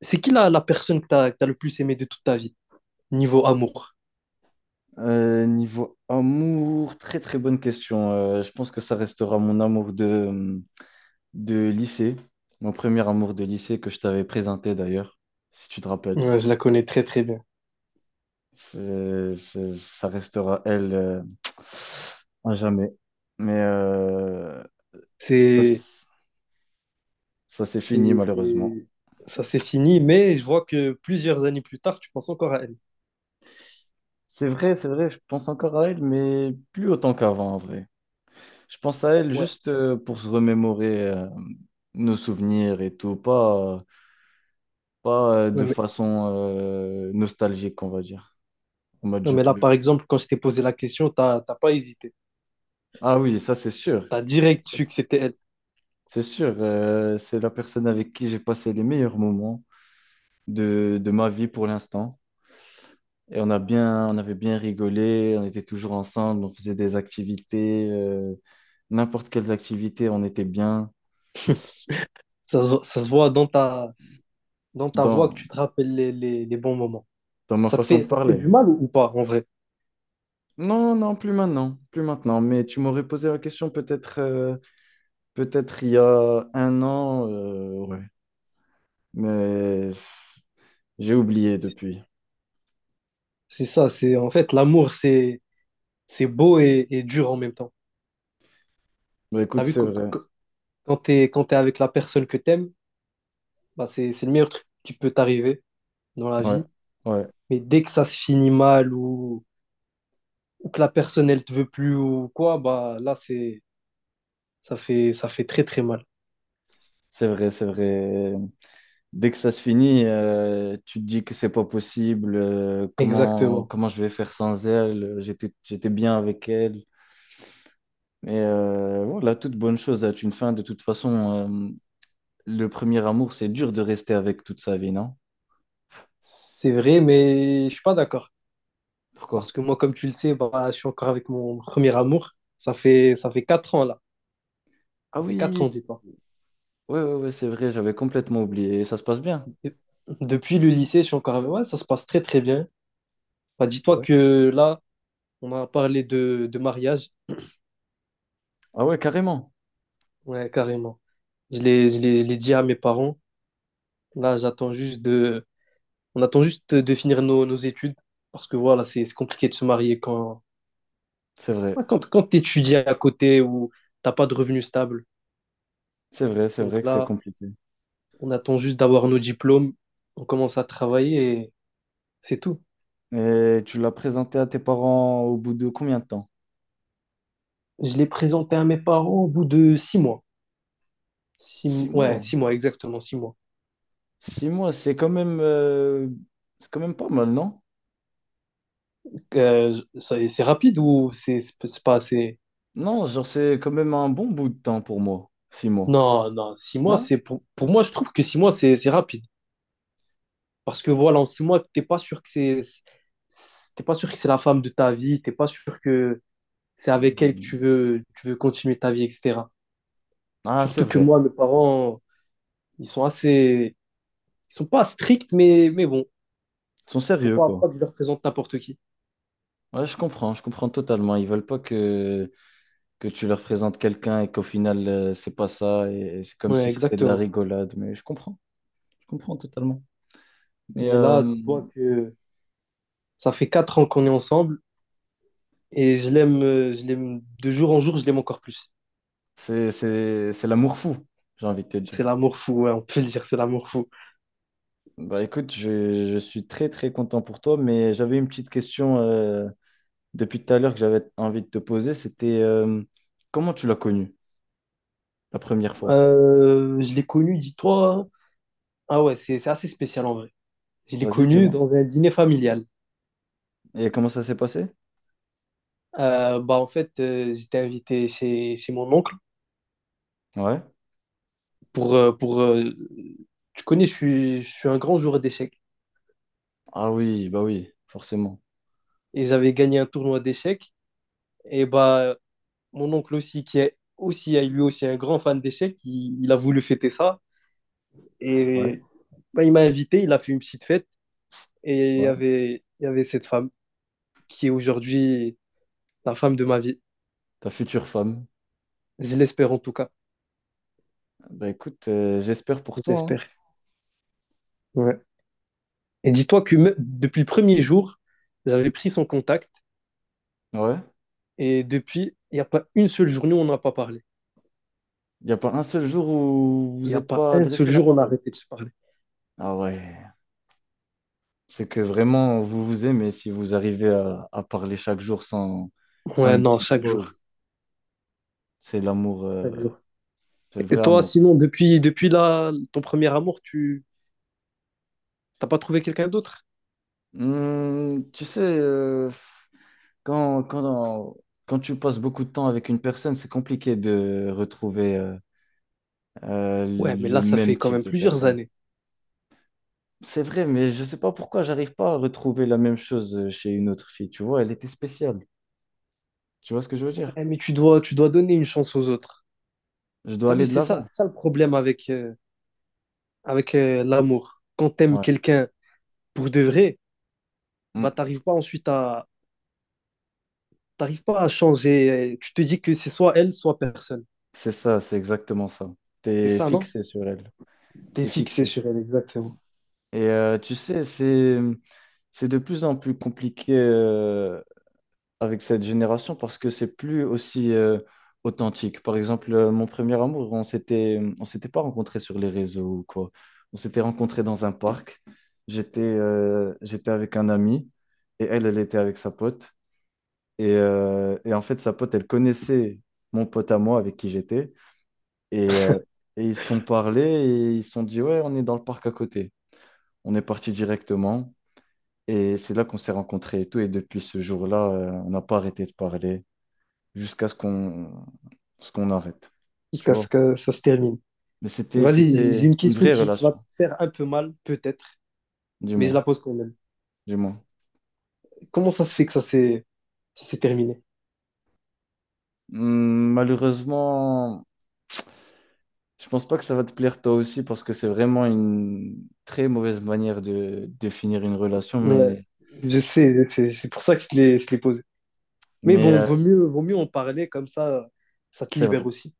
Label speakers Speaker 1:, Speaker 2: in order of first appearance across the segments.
Speaker 1: C'est qui la personne que tu as, le plus aimé de toute ta vie, niveau amour?
Speaker 2: Niveau amour, très très bonne question. Je pense que ça restera mon amour de lycée, mon premier amour de lycée que je t'avais présenté d'ailleurs, si tu te rappelles.
Speaker 1: Ouais, je la connais très très bien.
Speaker 2: Ça restera elle à jamais. Mais euh, ça,
Speaker 1: C'est,
Speaker 2: s- Ça s'est fini
Speaker 1: c'est,
Speaker 2: malheureusement.
Speaker 1: c'est- Ça s'est fini, mais je vois que plusieurs années plus tard, tu penses encore à elle.
Speaker 2: C'est vrai, je pense encore à elle, mais plus autant qu'avant en vrai. Je pense à elle
Speaker 1: Ouais.
Speaker 2: juste pour se remémorer nos souvenirs et tout, pas. Pas
Speaker 1: Ouais,
Speaker 2: de
Speaker 1: mais,
Speaker 2: façon nostalgique, on va dire. En mode
Speaker 1: non,
Speaker 2: je
Speaker 1: mais là,
Speaker 2: pleure.
Speaker 1: par exemple, quand je t'ai posé la question, t'as pas hésité.
Speaker 2: Ah oui, ça c'est sûr.
Speaker 1: T'as
Speaker 2: C'est
Speaker 1: direct
Speaker 2: sûr.
Speaker 1: su que c'était elle.
Speaker 2: C'est sûr, c'est la personne avec qui j'ai passé les meilleurs moments de ma vie pour l'instant. Et on avait bien rigolé, on était toujours ensemble, on faisait des activités, n'importe quelles activités, on était bien
Speaker 1: Ça se voit dans dans ta voix que
Speaker 2: dans,
Speaker 1: tu te rappelles les bons moments.
Speaker 2: dans ma
Speaker 1: Ça te
Speaker 2: façon
Speaker 1: fait,
Speaker 2: de
Speaker 1: ça te fait du
Speaker 2: parler.
Speaker 1: mal ou pas, en vrai?
Speaker 2: Non, non, plus maintenant, plus maintenant. Mais tu m'aurais posé la question peut-être peut-être il y a un an. Ouais, mais j'ai oublié depuis.
Speaker 1: C'est ça, c'est en fait l'amour, c'est beau et dur en même temps.
Speaker 2: Bah,
Speaker 1: T'as
Speaker 2: écoute,
Speaker 1: vu,
Speaker 2: c'est vrai.
Speaker 1: quand t'es avec la personne que t'aimes, bah, c'est le meilleur truc qui peut t'arriver dans la
Speaker 2: Ouais,
Speaker 1: vie.
Speaker 2: ouais,
Speaker 1: Mais dès que ça se finit mal ou que la personne elle te veut plus ou quoi, bah là c'est ça fait très très mal.
Speaker 2: c'est vrai, c'est vrai. Dès que ça se finit, tu te dis que c'est pas possible.
Speaker 1: Exactement.
Speaker 2: Comment je vais faire sans elle? J'étais bien avec elle. Et voilà, toute bonne chose a une fin. De toute façon, le premier amour, c'est dur de rester avec toute sa vie, non?
Speaker 1: C'est vrai, mais je suis pas d'accord.
Speaker 2: Pourquoi?
Speaker 1: Parce que moi, comme tu le sais, bah, je suis encore avec mon premier amour. Ça fait 4 ans là.
Speaker 2: Ah
Speaker 1: Ça fait quatre
Speaker 2: oui,
Speaker 1: ans, dis-toi.
Speaker 2: ouais, ouais, ouais, c'est vrai, j'avais complètement oublié. Et ça se passe bien.
Speaker 1: Et depuis le lycée, je suis encore avec. Ouais, ça se passe très très bien. Bah, dis-toi
Speaker 2: Ouais.
Speaker 1: que là, on a parlé de mariage.
Speaker 2: Ah ouais, carrément.
Speaker 1: Ouais, carrément. Je l'ai dit à mes parents. Là, j'attends juste de... On attend juste de finir nos études parce que voilà, c'est compliqué de se marier
Speaker 2: C'est vrai.
Speaker 1: quand tu étudies à côté ou t'as pas de revenus stables.
Speaker 2: C'est vrai, c'est
Speaker 1: Donc
Speaker 2: vrai que c'est
Speaker 1: là,
Speaker 2: compliqué.
Speaker 1: on attend juste d'avoir nos diplômes, on commence à travailler et c'est tout.
Speaker 2: Et tu l'as présenté à tes parents au bout de combien de temps?
Speaker 1: Je l'ai présenté à mes parents au bout de 6 mois.
Speaker 2: Six
Speaker 1: Ouais,
Speaker 2: mois.
Speaker 1: 6 mois, exactement, 6 mois.
Speaker 2: Six mois, c'est quand même pas mal, non?
Speaker 1: C'est rapide ou c'est pas assez...
Speaker 2: Non, genre c'est quand même un bon bout de temps pour moi. Six mois,
Speaker 1: Non, non, 6 mois,
Speaker 2: non?
Speaker 1: c'est pour moi, je trouve que 6 mois, c'est rapide. Parce que voilà, en 6 mois, t'es pas sûr que c'est la femme de ta vie, t'es pas sûr que c'est avec elle que
Speaker 2: Mm.
Speaker 1: tu veux continuer ta vie, etc.
Speaker 2: Ah, c'est
Speaker 1: Surtout que
Speaker 2: vrai.
Speaker 1: moi, mes parents, ils sont assez, ils sont pas stricts, mais bon,
Speaker 2: Ils sont
Speaker 1: faut
Speaker 2: sérieux,
Speaker 1: pas, pas
Speaker 2: quoi.
Speaker 1: que je leur présente n'importe qui.
Speaker 2: Ouais, je comprends totalement. Ils veulent pas que, que tu leur présentes quelqu'un et qu'au final, c'est pas ça. Et c'est comme
Speaker 1: Ouais,
Speaker 2: si c'était de la
Speaker 1: exactement.
Speaker 2: rigolade. Mais je comprends totalement. Mais
Speaker 1: Mais là,
Speaker 2: euh,
Speaker 1: dis-toi que ça fait quatre ans qu'on est ensemble et je l'aime de jour en jour, je l'aime encore plus.
Speaker 2: c'est, c'est l'amour fou, j'ai envie de te
Speaker 1: C'est
Speaker 2: dire.
Speaker 1: l'amour fou, ouais, on peut le dire, c'est l'amour fou.
Speaker 2: Bah écoute, je suis très très content pour toi, mais j'avais une petite question depuis tout à l'heure que j'avais envie de te poser, c'était comment tu l'as connu la première fois?
Speaker 1: Je l'ai connu, dis-toi, hein. Ah ouais, c'est assez spécial en vrai. Je l'ai
Speaker 2: Vas-y,
Speaker 1: connu
Speaker 2: dis-moi.
Speaker 1: dans un dîner familial.
Speaker 2: Et comment ça s'est passé?
Speaker 1: En fait, j'étais invité chez mon oncle
Speaker 2: Ouais.
Speaker 1: pour pour. Tu connais, je suis un grand joueur d'échecs
Speaker 2: Ah oui, bah oui, forcément.
Speaker 1: et j'avais gagné un tournoi d'échecs. Et bah mon oncle aussi qui est aussi lui aussi un grand fan d'échecs, il a voulu fêter ça
Speaker 2: Ouais,
Speaker 1: et bah, il m'a invité, il a fait une petite fête et
Speaker 2: ouais.
Speaker 1: il y avait cette femme qui est aujourd'hui la femme de ma vie.
Speaker 2: Ta future femme.
Speaker 1: Je l'espère en tout cas.
Speaker 2: Bah écoute, j'espère pour toi,
Speaker 1: J'espère. Ouais. Et dis-toi que depuis le premier jour, j'avais pris son contact
Speaker 2: hein. Ouais.
Speaker 1: et depuis, il n'y a pas une seule journée où on n'a pas parlé.
Speaker 2: Il n'y a pas un seul jour où vous
Speaker 1: Il n'y a
Speaker 2: n'êtes
Speaker 1: pas
Speaker 2: pas
Speaker 1: un seul
Speaker 2: adressé la
Speaker 1: jour où on a
Speaker 2: parole.
Speaker 1: arrêté de se parler.
Speaker 2: Ah ouais. C'est que vraiment, vous vous aimez si vous arrivez à parler chaque jour sans, sans
Speaker 1: Ouais,
Speaker 2: une
Speaker 1: non,
Speaker 2: petite
Speaker 1: chaque jour.
Speaker 2: pause. C'est l'amour, euh,
Speaker 1: Chaque jour.
Speaker 2: c'est le
Speaker 1: Et
Speaker 2: vrai
Speaker 1: toi,
Speaker 2: amour.
Speaker 1: sinon, depuis là, ton premier amour, tu t'as pas trouvé quelqu'un d'autre?
Speaker 2: Hmm, tu sais, quand, quand, quand tu passes beaucoup de temps avec une personne, c'est compliqué de retrouver
Speaker 1: Ouais, mais là,
Speaker 2: le
Speaker 1: ça
Speaker 2: même
Speaker 1: fait quand
Speaker 2: type
Speaker 1: même
Speaker 2: de
Speaker 1: plusieurs
Speaker 2: personne.
Speaker 1: années.
Speaker 2: C'est vrai, mais je sais pas pourquoi j'arrive pas à retrouver la même chose chez une autre fille. Tu vois, elle était spéciale. Tu vois ce que je veux dire?
Speaker 1: Ouais, mais tu dois donner une chance aux autres.
Speaker 2: Je dois
Speaker 1: T'as vu,
Speaker 2: aller de l'avant.
Speaker 1: c'est ça le problème avec, l'amour. Quand t'aimes
Speaker 2: Ouais.
Speaker 1: quelqu'un pour de vrai,
Speaker 2: Hmm.
Speaker 1: bah t'arrives pas ensuite à, T'arrives pas à changer. Tu te dis que c'est soit elle, soit personne.
Speaker 2: C'est ça, c'est exactement ça.
Speaker 1: C'est
Speaker 2: T'es
Speaker 1: ça, non?
Speaker 2: fixé sur elle.
Speaker 1: T'es
Speaker 2: T'es
Speaker 1: fixé
Speaker 2: fixé sur.
Speaker 1: sur elle, exactement.
Speaker 2: Et tu sais, c'est de plus en plus compliqué. Avec cette génération parce que c'est plus aussi authentique. Par exemple, mon premier amour, on s'était pas rencontrés sur les réseaux ou quoi. On s'était rencontrés dans un parc. J'étais avec un ami et elle, elle était avec sa pote. Et en fait, sa pote, elle connaissait mon pote à moi avec qui j'étais. Et, euh, et ils se sont parlé et ils se sont dit, ouais, on est dans le parc à côté. On est parti directement. Et c'est là qu'on s'est rencontrés et tout. Et depuis ce jour-là, on n'a pas arrêté de parler jusqu'à ce qu'on arrête. Tu
Speaker 1: Jusqu'à
Speaker 2: vois?
Speaker 1: ce que ça se termine.
Speaker 2: Mais
Speaker 1: Vas-y, j'ai
Speaker 2: c'était
Speaker 1: une
Speaker 2: une
Speaker 1: question
Speaker 2: vraie
Speaker 1: qui va
Speaker 2: relation,
Speaker 1: te faire un peu mal, peut-être,
Speaker 2: du
Speaker 1: mais je
Speaker 2: moins,
Speaker 1: la pose quand même.
Speaker 2: du moins.
Speaker 1: Comment ça se fait que ça s'est terminé?
Speaker 2: Malheureusement, je pense pas que ça va te plaire toi aussi parce que c'est vraiment une très mauvaise manière de finir une relation,
Speaker 1: Ouais,
Speaker 2: mais,
Speaker 1: je sais, je sais. C'est pour ça que je te l'ai posé. Mais
Speaker 2: mais
Speaker 1: bon,
Speaker 2: euh,
Speaker 1: vaut mieux en parler, comme ça te
Speaker 2: c'est vrai,
Speaker 1: libère aussi.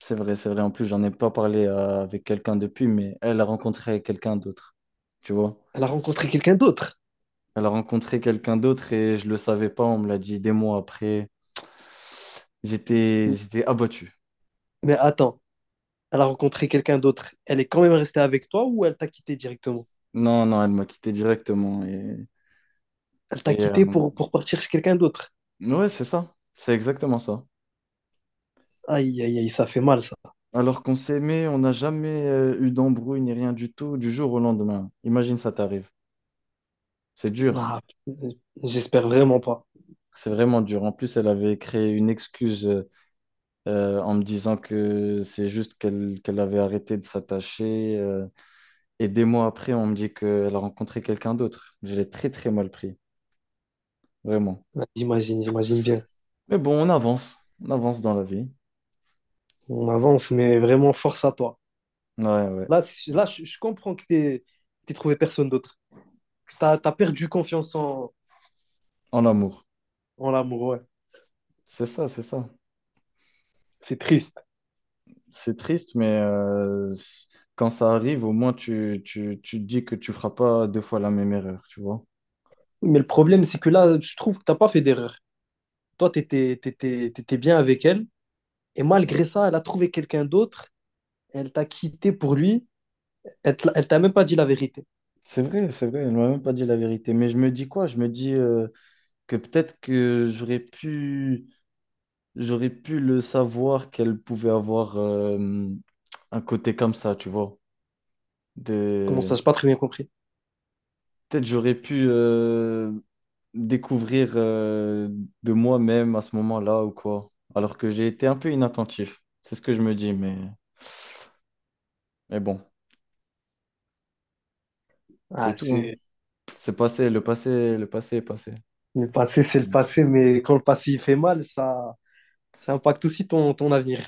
Speaker 2: c'est vrai, c'est vrai. En plus, j'en ai pas parlé avec quelqu'un depuis, mais elle a rencontré quelqu'un d'autre, tu vois.
Speaker 1: Elle a rencontré quelqu'un d'autre.
Speaker 2: Elle a rencontré quelqu'un d'autre et je le savais pas, on me l'a dit des mois après.
Speaker 1: M-
Speaker 2: J'étais abattu.
Speaker 1: Mais attends, elle a rencontré quelqu'un d'autre. Elle est quand même restée avec toi ou elle t'a quitté directement?
Speaker 2: Non, non, elle m'a quitté directement.
Speaker 1: Elle t'a
Speaker 2: Et,
Speaker 1: quitté pour partir chez quelqu'un d'autre.
Speaker 2: ouais, c'est ça. C'est exactement ça.
Speaker 1: Aïe, aïe, aïe, ça fait mal, ça.
Speaker 2: Alors qu'on s'aimait, on n'a jamais eu d'embrouille ni rien du tout du jour au lendemain. Imagine ça t'arrive. C'est dur.
Speaker 1: Ah, j'espère vraiment pas.
Speaker 2: C'est vraiment dur. En plus, elle avait créé une excuse en me disant que c'est juste qu'elle avait arrêté de s'attacher. Et des mois après, on me dit qu'elle a rencontré quelqu'un d'autre. Je l'ai très, très mal pris. Vraiment.
Speaker 1: Ouais, j'imagine, j'imagine bien.
Speaker 2: Mais bon, on avance. On avance dans la vie.
Speaker 1: On avance, mais vraiment, force à toi.
Speaker 2: Ouais, ouais.
Speaker 1: Là, c- là je comprends que t'es trouvé personne d'autre. Que t'as perdu confiance
Speaker 2: En amour.
Speaker 1: en l'amour, ouais.
Speaker 2: C'est ça, c'est ça.
Speaker 1: C'est triste.
Speaker 2: C'est triste, mais quand ça arrive, au moins tu te dis que tu feras pas deux fois la même erreur, tu vois.
Speaker 1: Mais le problème, c'est que là, je trouve que t'as pas fait d'erreur. Toi, t'étais bien avec elle. Et malgré ça, elle a trouvé quelqu'un d'autre, elle t'a quitté pour lui, elle t'a même pas dit la vérité.
Speaker 2: C'est vrai, elle m'a même pas dit la vérité. Mais je me dis quoi? Je me dis que peut-être j'aurais pu le savoir qu'elle pouvait avoir un côté comme ça, tu vois.
Speaker 1: Comment ça,
Speaker 2: De...
Speaker 1: j'ai pas très bien compris.
Speaker 2: Peut-être j'aurais pu découvrir de moi-même à ce moment-là ou quoi. Alors que j'ai été un peu inattentif. C'est ce que je me dis, mais... Mais bon,
Speaker 1: Ah,
Speaker 2: c'est tout, hein. C'est passé, le passé est passé.
Speaker 1: c'est
Speaker 2: Comme
Speaker 1: le
Speaker 2: on dit.
Speaker 1: passé, mais quand le passé il fait mal, ça impacte aussi ton avenir.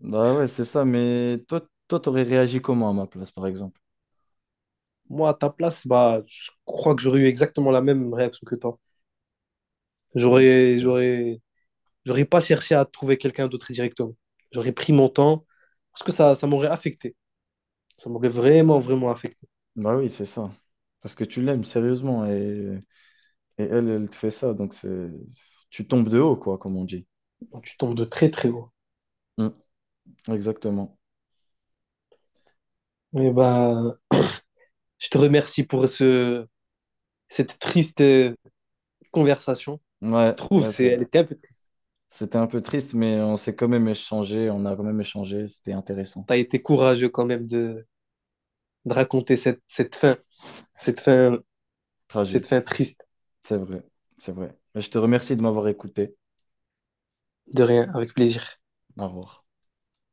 Speaker 2: Bah ouais, c'est ça, mais toi, t'aurais réagi comment à ma place, par exemple?
Speaker 1: Moi, à ta place, bah, je crois que j'aurais eu exactement la même réaction que toi. J'aurais, j'aurais, j'aurais pas cherché à trouver quelqu'un d'autre directement. J'aurais pris mon temps parce que ça m'aurait affecté. Ça m'aurait vraiment, vraiment affecté.
Speaker 2: Bah oui, c'est ça. Parce que tu l'aimes sérieusement et elle, elle te fait ça, donc c'est tu tombes de haut, quoi, comme on dit.
Speaker 1: Donc, tu tombes de très, très haut.
Speaker 2: Mm, exactement.
Speaker 1: Et ben, je te remercie pour cette triste conversation. Je
Speaker 2: Ouais,
Speaker 1: trouve
Speaker 2: ouais, c'est
Speaker 1: elle
Speaker 2: vrai.
Speaker 1: était un peu triste.
Speaker 2: C'était un peu triste, mais on a quand même échangé, c'était intéressant.
Speaker 1: Tu as été courageux quand même de raconter cette fin, cette fin, cette fin
Speaker 2: Tragique,
Speaker 1: triste.
Speaker 2: c'est vrai, c'est vrai. Mais je te remercie de m'avoir écouté.
Speaker 1: De rien, avec plaisir.
Speaker 2: Au revoir.